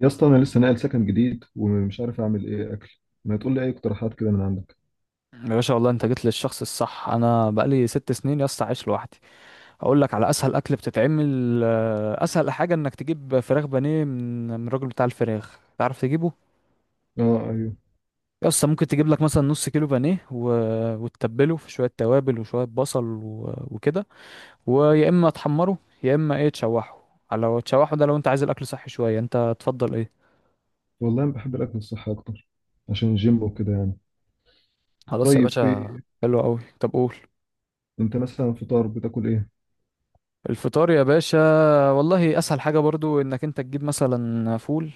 يا اسطى انا لسه ناقل سكن جديد ومش عارف اعمل ايه اكل. ما تقول لي اي اقتراحات كده من عندك. يا باشا، والله انت جيت للشخص الصح. انا بقالي 6 سنين يا اسطى عايش لوحدي. اقول لك على اسهل اكل بتتعمل، اسهل حاجه انك تجيب فراخ بانيه من الراجل بتاع الفراخ، تعرف تجيبه. اه ايوه، يا اسطى، ممكن تجيب لك مثلا نص كيلو بانيه وتتبله في شويه توابل وشويه بصل و... وكده. ويا اما تحمره، يا اما ايه تشوحه. لو تشوحه ده، لو انت عايز الاكل صحي شويه انت تفضل ايه؟ والله انا بحب الاكل الصحي اكتر عشان الجيم وكده يعني. خلاص يا طيب، في باشا. حلو قوي. طب قول. انت مثلا فطار بتاكل ايه؟ الفطار يا باشا، والله اسهل حاجه برضو انك انت تجيب مثلا فول.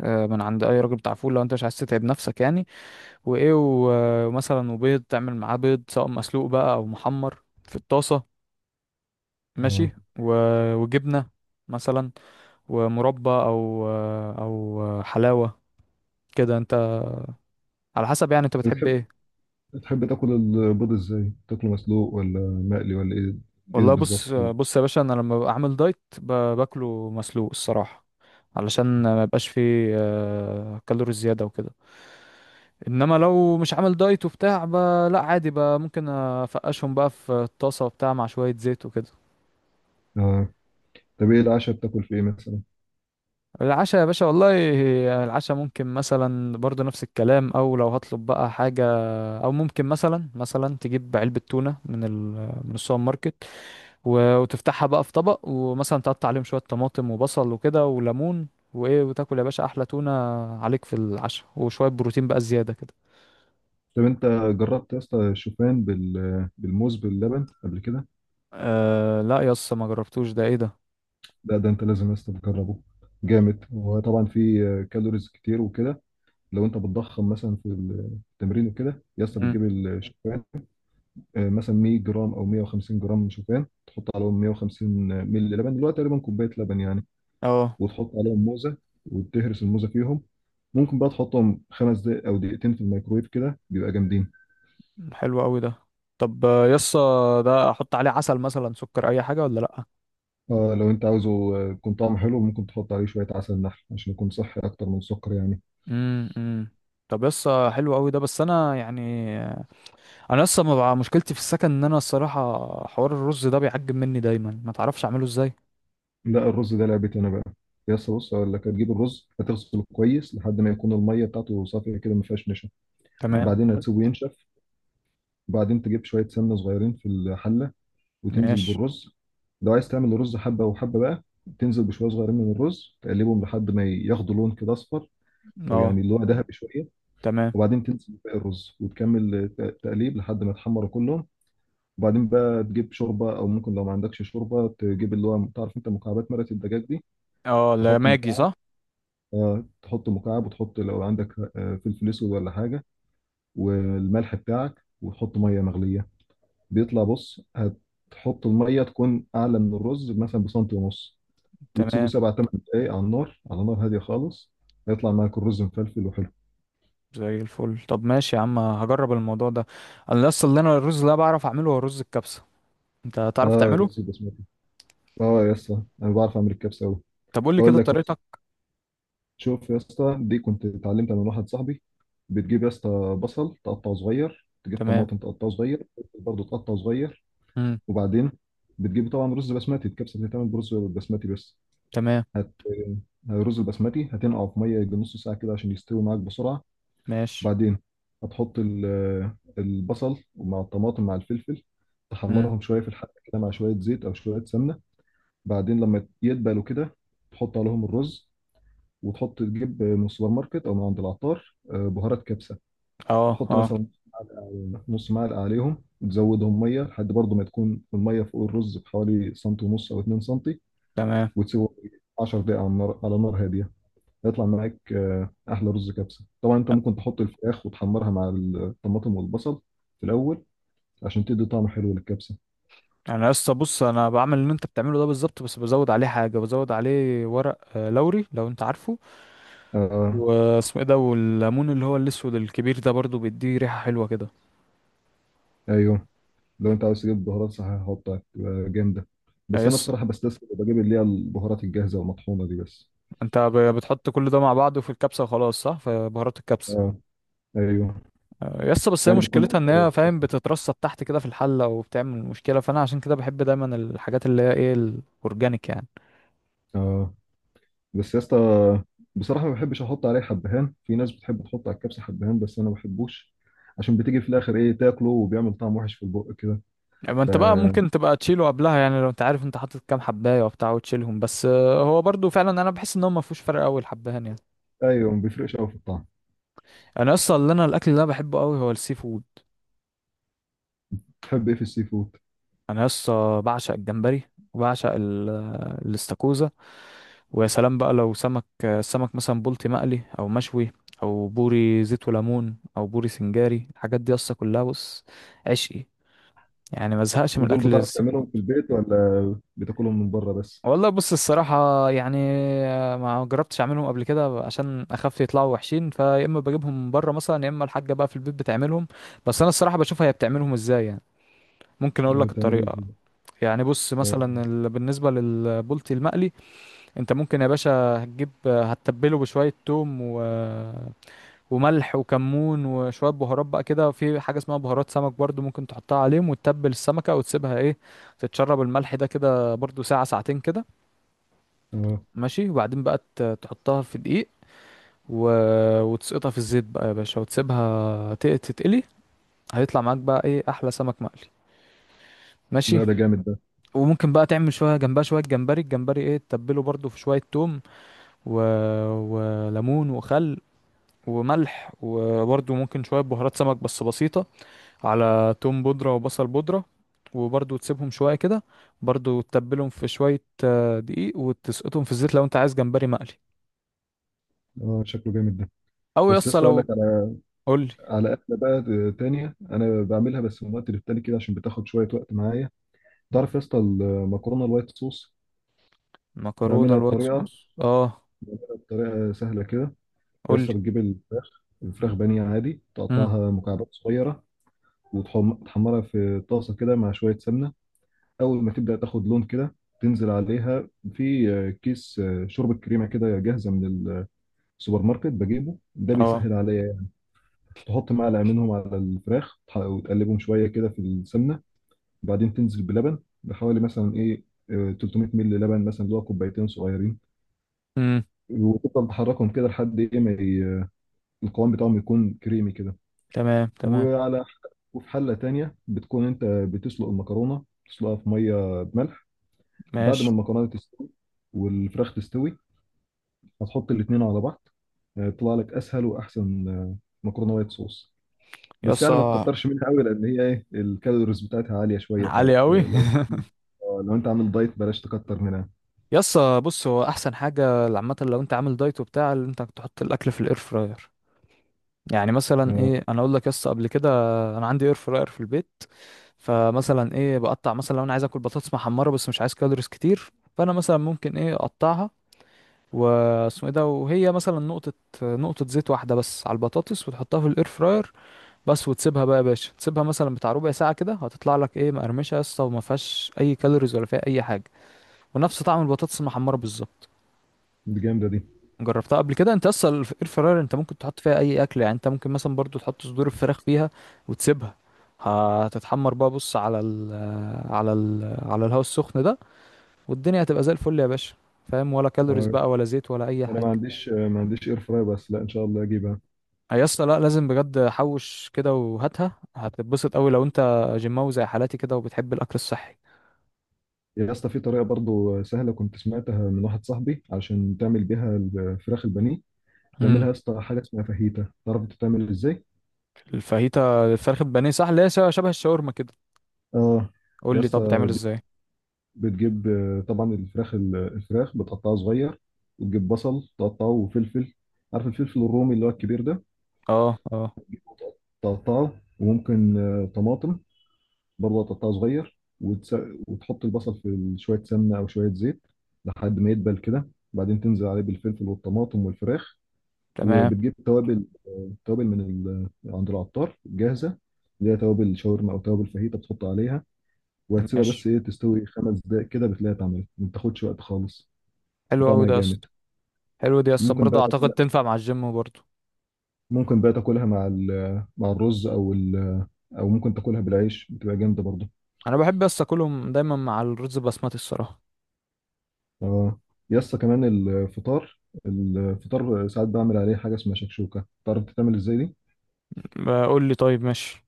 من عند اي راجل بتاع فول، لو انت مش عايز تتعب نفسك يعني. وايه، و- ومثلا وبيض تعمل معاه بيض، سواء مسلوق بقى او محمر في الطاسه. اه. ماشي. و- وجبنه مثلا، ومربى او حلاوه، كده انت، على حسب يعني انت بتحب بتحب ايه. بتحب تاكل البيض ازاي؟ تاكله مسلوق ولا مقلي ولا ايه؟ ايه والله بالظبط؟ بص بص يا باشا، انا لما ببقى عامل دايت ب- باكله مسلوق الصراحه. علشان ما يبقاش فيه كالوريز زياده وكده. انما لو مش عامل دايت وبتاع. لا عادي بقى، ممكن افقشهم بقى في الطاسه وبتاع مع شويه زيت وكده. اه. طب ايه العشاء؟ بتاكل في ايه مثلا؟ العشاء يا باشا، والله العشاء ممكن مثلا برضه نفس الكلام، او لو هطلب بقى حاجه. او ممكن مثلا تجيب علبه تونه من السوبر ماركت. و- وتفتحها بقى في طبق، ومثلا تقطع عليهم شوية طماطم وبصل وكده وليمون. وايه، وتاكل يا باشا احلى تونة عليك في العشاء، وشوية بروتين بقى زيادة كده. طب انت جربت يا اسطى الشوفان بالموز باللبن قبل كده؟ أه لا يس، ما جربتوش. ده ايه ده؟ لا، ده انت لازم يا اسطى تجربه. جامد، وطبعا فيه كالوريز كتير وكده. لو انت بتضخم مثلا في التمرين وكده يا اسطى مم. بتجيب الشوفان، مثلا 100 جرام او 150 جرام شوفان، تحط عليهم 150 مللي لبن، دلوقتي تقريبا كوبايه لبن يعني. اه. وتحط عليهم موزه وتهرس الموزه فيهم. ممكن بقى تحطهم 5 دقايق او دقيقتين في الميكرويف، كده بيبقى جامدين. حلو قوي ده. طب يس. ده احط عليه عسل مثلا، سكر، اي حاجة ولا لا؟ اه لو انت عاوزه يكون طعمه حلو، ممكن تحط عليه شويه عسل نحل عشان يكون صحي اكتر من السكر يعني. امم امم طب يس، حلو قوي ده، بس انا يعني انا لسه ما بقى، مشكلتي في السكن ان انا الصراحة، حوار الرز ده بيعجب مني دايما، ما تعرفش اعمله ازاي. لا، الرز ده لعبتي انا بقى. يا اسطى بص، اقول لك هتجيب الرز، هتغسله كويس لحد ما يكون الميه بتاعته صافيه كده، ما فيهاش نشا. تمام. بعدين هتسيبه ينشف، وبعدين تجيب شوية سمنة صغيرين في الحلة وتنزل ماشي. بالرز. لو عايز تعمل الرز حبة وحبة بقى، تنزل بشوية صغيرين من الرز تقلبهم لحد ما ياخدوا لون كده أصفر، أو اه. يعني اللي هو ذهبي شوية. تمام. وبعدين تنزل بباقي الرز وتكمل تقليب لحد ما يتحمروا كلهم. وبعدين بقى تجيب شوربة، أو ممكن لو ما عندكش شوربة تجيب اللي هو تعرف أنت مكعبات مرقة الدجاج دي. اه. لا، تحط ماجي مكعب، صح. تحط مكعب، وتحط لو عندك فلفل أسود ولا حاجة، والملح بتاعك، وتحط مية مغلية. بيطلع، بص، هتحط الميه تكون اعلى من الرز مثلا بسنتي ونص. وتسيبه تمام. 7 8 دقايق على النار، على نار هاديه خالص. هيطلع معاك الرز مفلفل وحلو. زي الفل. طب ماشي يا عم، هجرب الموضوع ده. انا اصلا اللي انا الرز، اللي أنا بعرف اعمله هو رز الكبسه. انت تعرف اه، تعمله؟ رز بسمتي. اه يا اسطى، انا بعرف اعمل الكبسه قوي. طب قول لي اقول كده لك مثلا، طريقتك. شوف يا اسطى، دي كنت اتعلمتها من واحد صاحبي. بتجيب يا اسطى بصل تقطعه صغير، تجيب تمام. طماطم تقطعه صغير، برضه تقطعه صغير. امم. وبعدين بتجيب طبعا رز بسمتي، الكبسه بتتعمل برز بسمتي بس. تمام. هت الرز البسمتي هتنقعه في ميه يجي نص ساعه كده عشان يستوي معاك بسرعه. ماشي. بعدين هتحط البصل مع الطماطم مع الفلفل، امم. تحمرهم شويه في الحله كده مع شويه زيت او شويه سمنه. بعدين لما يدبلوا كده، تحط عليهم الرز، وتحط تجيب من السوبر ماركت او من عند العطار بهارات كبسه. اه. تحط اه. مثلا نص معلقه عليهم، وتزودهم ميه لحد برضه ما تكون الميه فوق الرز بحوالي سنتي ونص او 2 سنتي. تمام. وتسيبهم 10 دقائق على النار، على نار هاديه. هيطلع معاك احلى رز كبسه. طبعا انت ممكن تحط الفراخ وتحمرها مع الطماطم والبصل في الاول عشان تدي طعم حلو للكبسه. انا لسه بص، انا بعمل اللي انت بتعمله ده بالظبط، بس بزود عليه حاجه، بزود عليه ورق لوري لو انت عارفه. آه. واسمه ايه ده، والليمون اللي هو الاسود الكبير ده برضو بيديه ريحه حلوه كده. ايوه، لو انت عاوز تجيب بهارات صحيحه هحطها تبقى جامده، بس انا يس. بصراحه بستسهل وبجيب اللي هي البهارات الجاهزه والمطحونه دي بس. انت ب- بتحط كل ده مع بعضه في الكبسه وخلاص، صح؟ في بهارات الكبسه. آه ايوه. يس، بس هي يعني بتكون مشكلتها ان اسهل هي فاهم واسهل. بتترصد تحت كده في الحله، وبتعمل مشكله، فانا عشان كده بحب دايما الحاجات اللي هي ايه الاورجانيك يعني. اه، بس يا اسطى بصراحه ما بحبش احط عليه حبهان. في ناس بتحب تحط على الكبسه حبهان، بس انا ما بحبوش عشان بتيجي في الاخر ايه تاكله وبيعمل طعم وحش في البق كده. يعني ما ف انت بقى ممكن تبقى تشيله قبلها، يعني لو انت عارف انت حاطط كام حبايه وبتاع وتشيلهم بس، هو برضو فعلا انا بحس ان هو ما فيهوش فرق قوي الحبهان يعني. ايوه، ما بيفرقش قوي في الطعم. انا اصلا اللي انا الاكل اللي انا بحبه قوي هو السي فود. تحب ايه في السي فود؟ انا لسه بعشق الجمبري. وبعشق الاستاكوزا. ويا سلام بقى لو سمك، السمك مثلا بلطي مقلي او مشوي، او بوري زيت وليمون او بوري سنجاري، الحاجات دي اصلا كلها بص، عشقي. يعني ما ازهقش من ودول الاكل بتعرف السي فود. تعملهم في البيت ولا بتاكلهم من بره بس؟ والله بص الصراحه يعني، ما جربتش اعملهم قبل كده عشان اخاف يطلعوا وحشين، فيا اما بجيبهم من بره مثلا، يا اما الحاجه بقى في البيت بتعملهم. بس انا الصراحه بشوفها هي بتعملهم ازاي، يعني ممكن اقول لك بتعملهم الطريقه. ازاي؟ يعني بص مثلا اه. بالنسبة للبولتي المقلي، انت ممكن يا باشا هتجيب، هتتبله بشوية توم و... وملح وكمون وشوية بهارات بقى كده، في حاجة اسمها بهارات سمك برضو ممكن تحطها عليهم، وتتبل السمكة وتسيبها ايه، تتشرب الملح ده كده برضو ساعة ساعتين كده. آه. ماشي، وبعدين بقى ت- تحطها في دقيق و... وتسقطها في الزيت بقى يا باشا، وتسيبها ت- تتقلي. هيطلع معاك بقى ايه احلى سمك مقلي. ماشي. لا، ده جامد ده. وممكن بقى تعمل شويه جنبها شويه جمبري، الجمبري ايه تتبله برضو في شويه توم و... وليمون وخل، وملح، وبرده ممكن شوية بهارات سمك بس بسيطة، على توم بودرة وبصل بودرة. وبرده تسيبهم شوية كده، برده تتبلهم في شوية دقيق وتسقطهم في الزيت لو انت عايز جمبري مقلي. اه، شكله جامد ده. او بس يا يسطا اسطى اقول لك لو. على، قولي. على اكله بقى تانية انا بعملها بس من وقت للتاني كده عشان بتاخد شويه وقت معايا. تعرف يا اسطى المكرونه الوايت صوص؟ مكرونة بعملها الوايت بطريقه، صوص؟ اه. بطريقه سهله كده. يا قولي. اسطى بتجيب الفراخ، الفراخ بانيه عادي، امم. تقطعها مكعبات صغيره وتحمرها في طاسه كده مع شويه سمنه. اول ما تبدا تاخد لون كده، تنزل عليها في كيس شوربه كريمه كده جاهزه من السوبر ماركت، بجيبه ده اه. بيسهل عليا. تحط معلقه منهم على الفراخ، وتقلبهم شويه كده في السمنه. بعدين تنزل بلبن بحوالي مثلا ايه، 300 مللي لبن مثلا، اللي هو كوبايتين صغيرين. امم. وتفضل تحركهم كده لحد ايه ما القوام بتاعهم يكون كريمي كده. تمام. تمام. وعلى، وفي حله تانية بتكون انت بتسلق المكرونه، تسلقها في ميه بملح. بعد ماشي. ما المكرونه تستوي والفراخ تستوي، هتحط الاتنين على بعض. يطلع لك اسهل واحسن مكرونه وايت صوص. بس يعني ما يسطا. تكترش منها قوي، لان هي ايه الكالوريز بتاعتها عاليه شويه فات. عالي قوي. لو انت عامل دايت بلاش تكتر منها. يسطا بص، هو احسن حاجة عامة لو انت عامل دايت وبتاع، اللي انت تحط الاكل في الاير فراير. يعني مثلا اه، ايه، انا اقول لك يس، قبل كده انا عندي اير فراير في البيت. فمثلا ايه بقطع مثلا، لو انا عايز اكل بطاطس محمره بس مش عايز كالوريز كتير، فانا مثلا ممكن ايه اقطعها. واسمه ايه ده، وهي مثلا نقطه، نقطه زيت واحده بس على البطاطس، وتحطها في الاير فراير بس، وتسيبها بقى يا باشا، تسيبها مثلا بتاع ربع ساعه كده، هتطلع لك ايه مقرمشه يا اسطى، وما فيهاش اي كالوريز ولا فيها اي حاجه، ونفس طعم البطاطس المحمره بالظبط. دي جامده دي. جربتها قبل كده انت؟ اصلا الاير فراير انت ممكن تحط فيها اي اكل يعني، انت ممكن مثلا برضو تحط صدور الفراخ فيها، وتسيبها هتتحمر بقى، بص على ال على ال على الهواء السخن ده، والدنيا هتبقى زي الفل يا باشا. فاهم؟ ولا كالوريز اه، بقى ولا زيت ولا اي انا ما حاجه. عنديش، ما عنديش اير فراي بس، لا ان شاء الله اجيبها. آه يا اسطى، لا لازم بجد، حوش كده وهاتها، هتتبسط قوي لو انت جيماوي زي حالاتي كده وبتحب الاكل الصحي. يا اسطى في طريقه برضو سهله كنت سمعتها من واحد صاحبي عشان تعمل بيها الفراخ البانيه. تعملها امم. يا اسطى حاجه اسمها فاهيتا، تعرف بتتعمل ازاي؟ الفاهيتا، الفراخ البانيه صح، اللي هي شبه الشاورما كده؟ اه. قول يا لي، طب بتعمل اسطى ازاي؟ بتجيب طبعا الفراخ، الفراخ بتقطعها صغير، وتجيب بصل تقطعه وفلفل. عارف الفلفل الرومي اللي هو الكبير ده؟ اه. اه. تقطعه. وممكن طماطم برضه تقطعه صغير. وتحط البصل في شوية سمنة أو شوية زيت لحد ما يدبل كده، بعدين تنزل عليه بالفلفل والطماطم والفراخ. تمام. وبتجيب توابل، عند العطار جاهزة، اللي هي توابل شاورما أو توابل فاهيتا، بتحط عليها وهتسيبها ماشي. بس إيه تستوي 5 دقايق كده بتلاقيها اتعملت، ما بتاخدش وقت خالص. حلو قوي طعمها ده يا جامد. اسطى. حلو دي يسطا، ممكن برضه بقى اعتقد تاكلها، تنفع مع الجيم برضه. ممكن بقى تاكلها مع مع الرز، او او ممكن تاكلها بالعيش، بتبقى جامده برضه. انا بحب يسطا اكلهم دايما مع الرز بسمتي الصراحه. اه يسطا، كمان الفطار، الفطار ساعات بعمل عليه حاجه اسمها شكشوكه، تعرف تتعمل ازاي دي؟ بقول لي طيب، ماشي.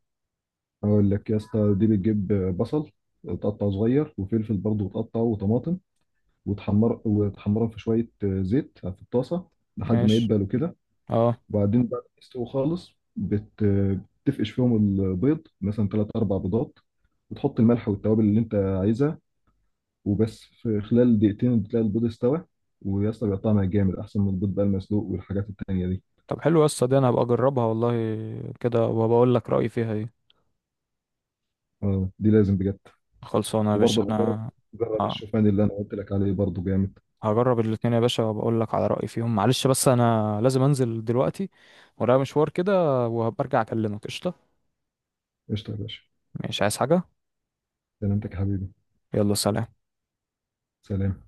اقول لك يا اسطى، دي بتجيب بصل تقطعه صغير، وفلفل برضه وتقطعه، وطماطم. وتحمر، وتحمرهم في شويه زيت في الطاسه لحد ما ماشي. يدبلوا كده. اه. وبعدين بعد ما يستووا خالص بتفقش فيهم البيض مثلا ثلاث اربع بيضات، وتحط الملح والتوابل اللي انت عايزها، وبس في خلال دقيقتين بتلاقي البيض استوى. ويا اسطى بيبقى طعمها جامد احسن من البيض بقى المسلوق والحاجات التانية دي. طب حلو يسطا دي، انا هبقى اجربها والله كده وبقول لك رايي فيها ايه. اه، دي لازم بجد. خلصانه يا باشا وبرضه بجرب، انا. جرب آه. الشوفان اللي انا قلت لك عليه برضه جامد. هجرب الاتنين يا باشا وبقول لك على رايي فيهم. معلش بس انا لازم انزل دلوقتي، ورايا مشوار كده، وهبقى ارجع اكلمك. قشطه. قشطه يا باشا. مش عايز حاجه. سلامتك يا حبيبي. يلا سلام. سلام.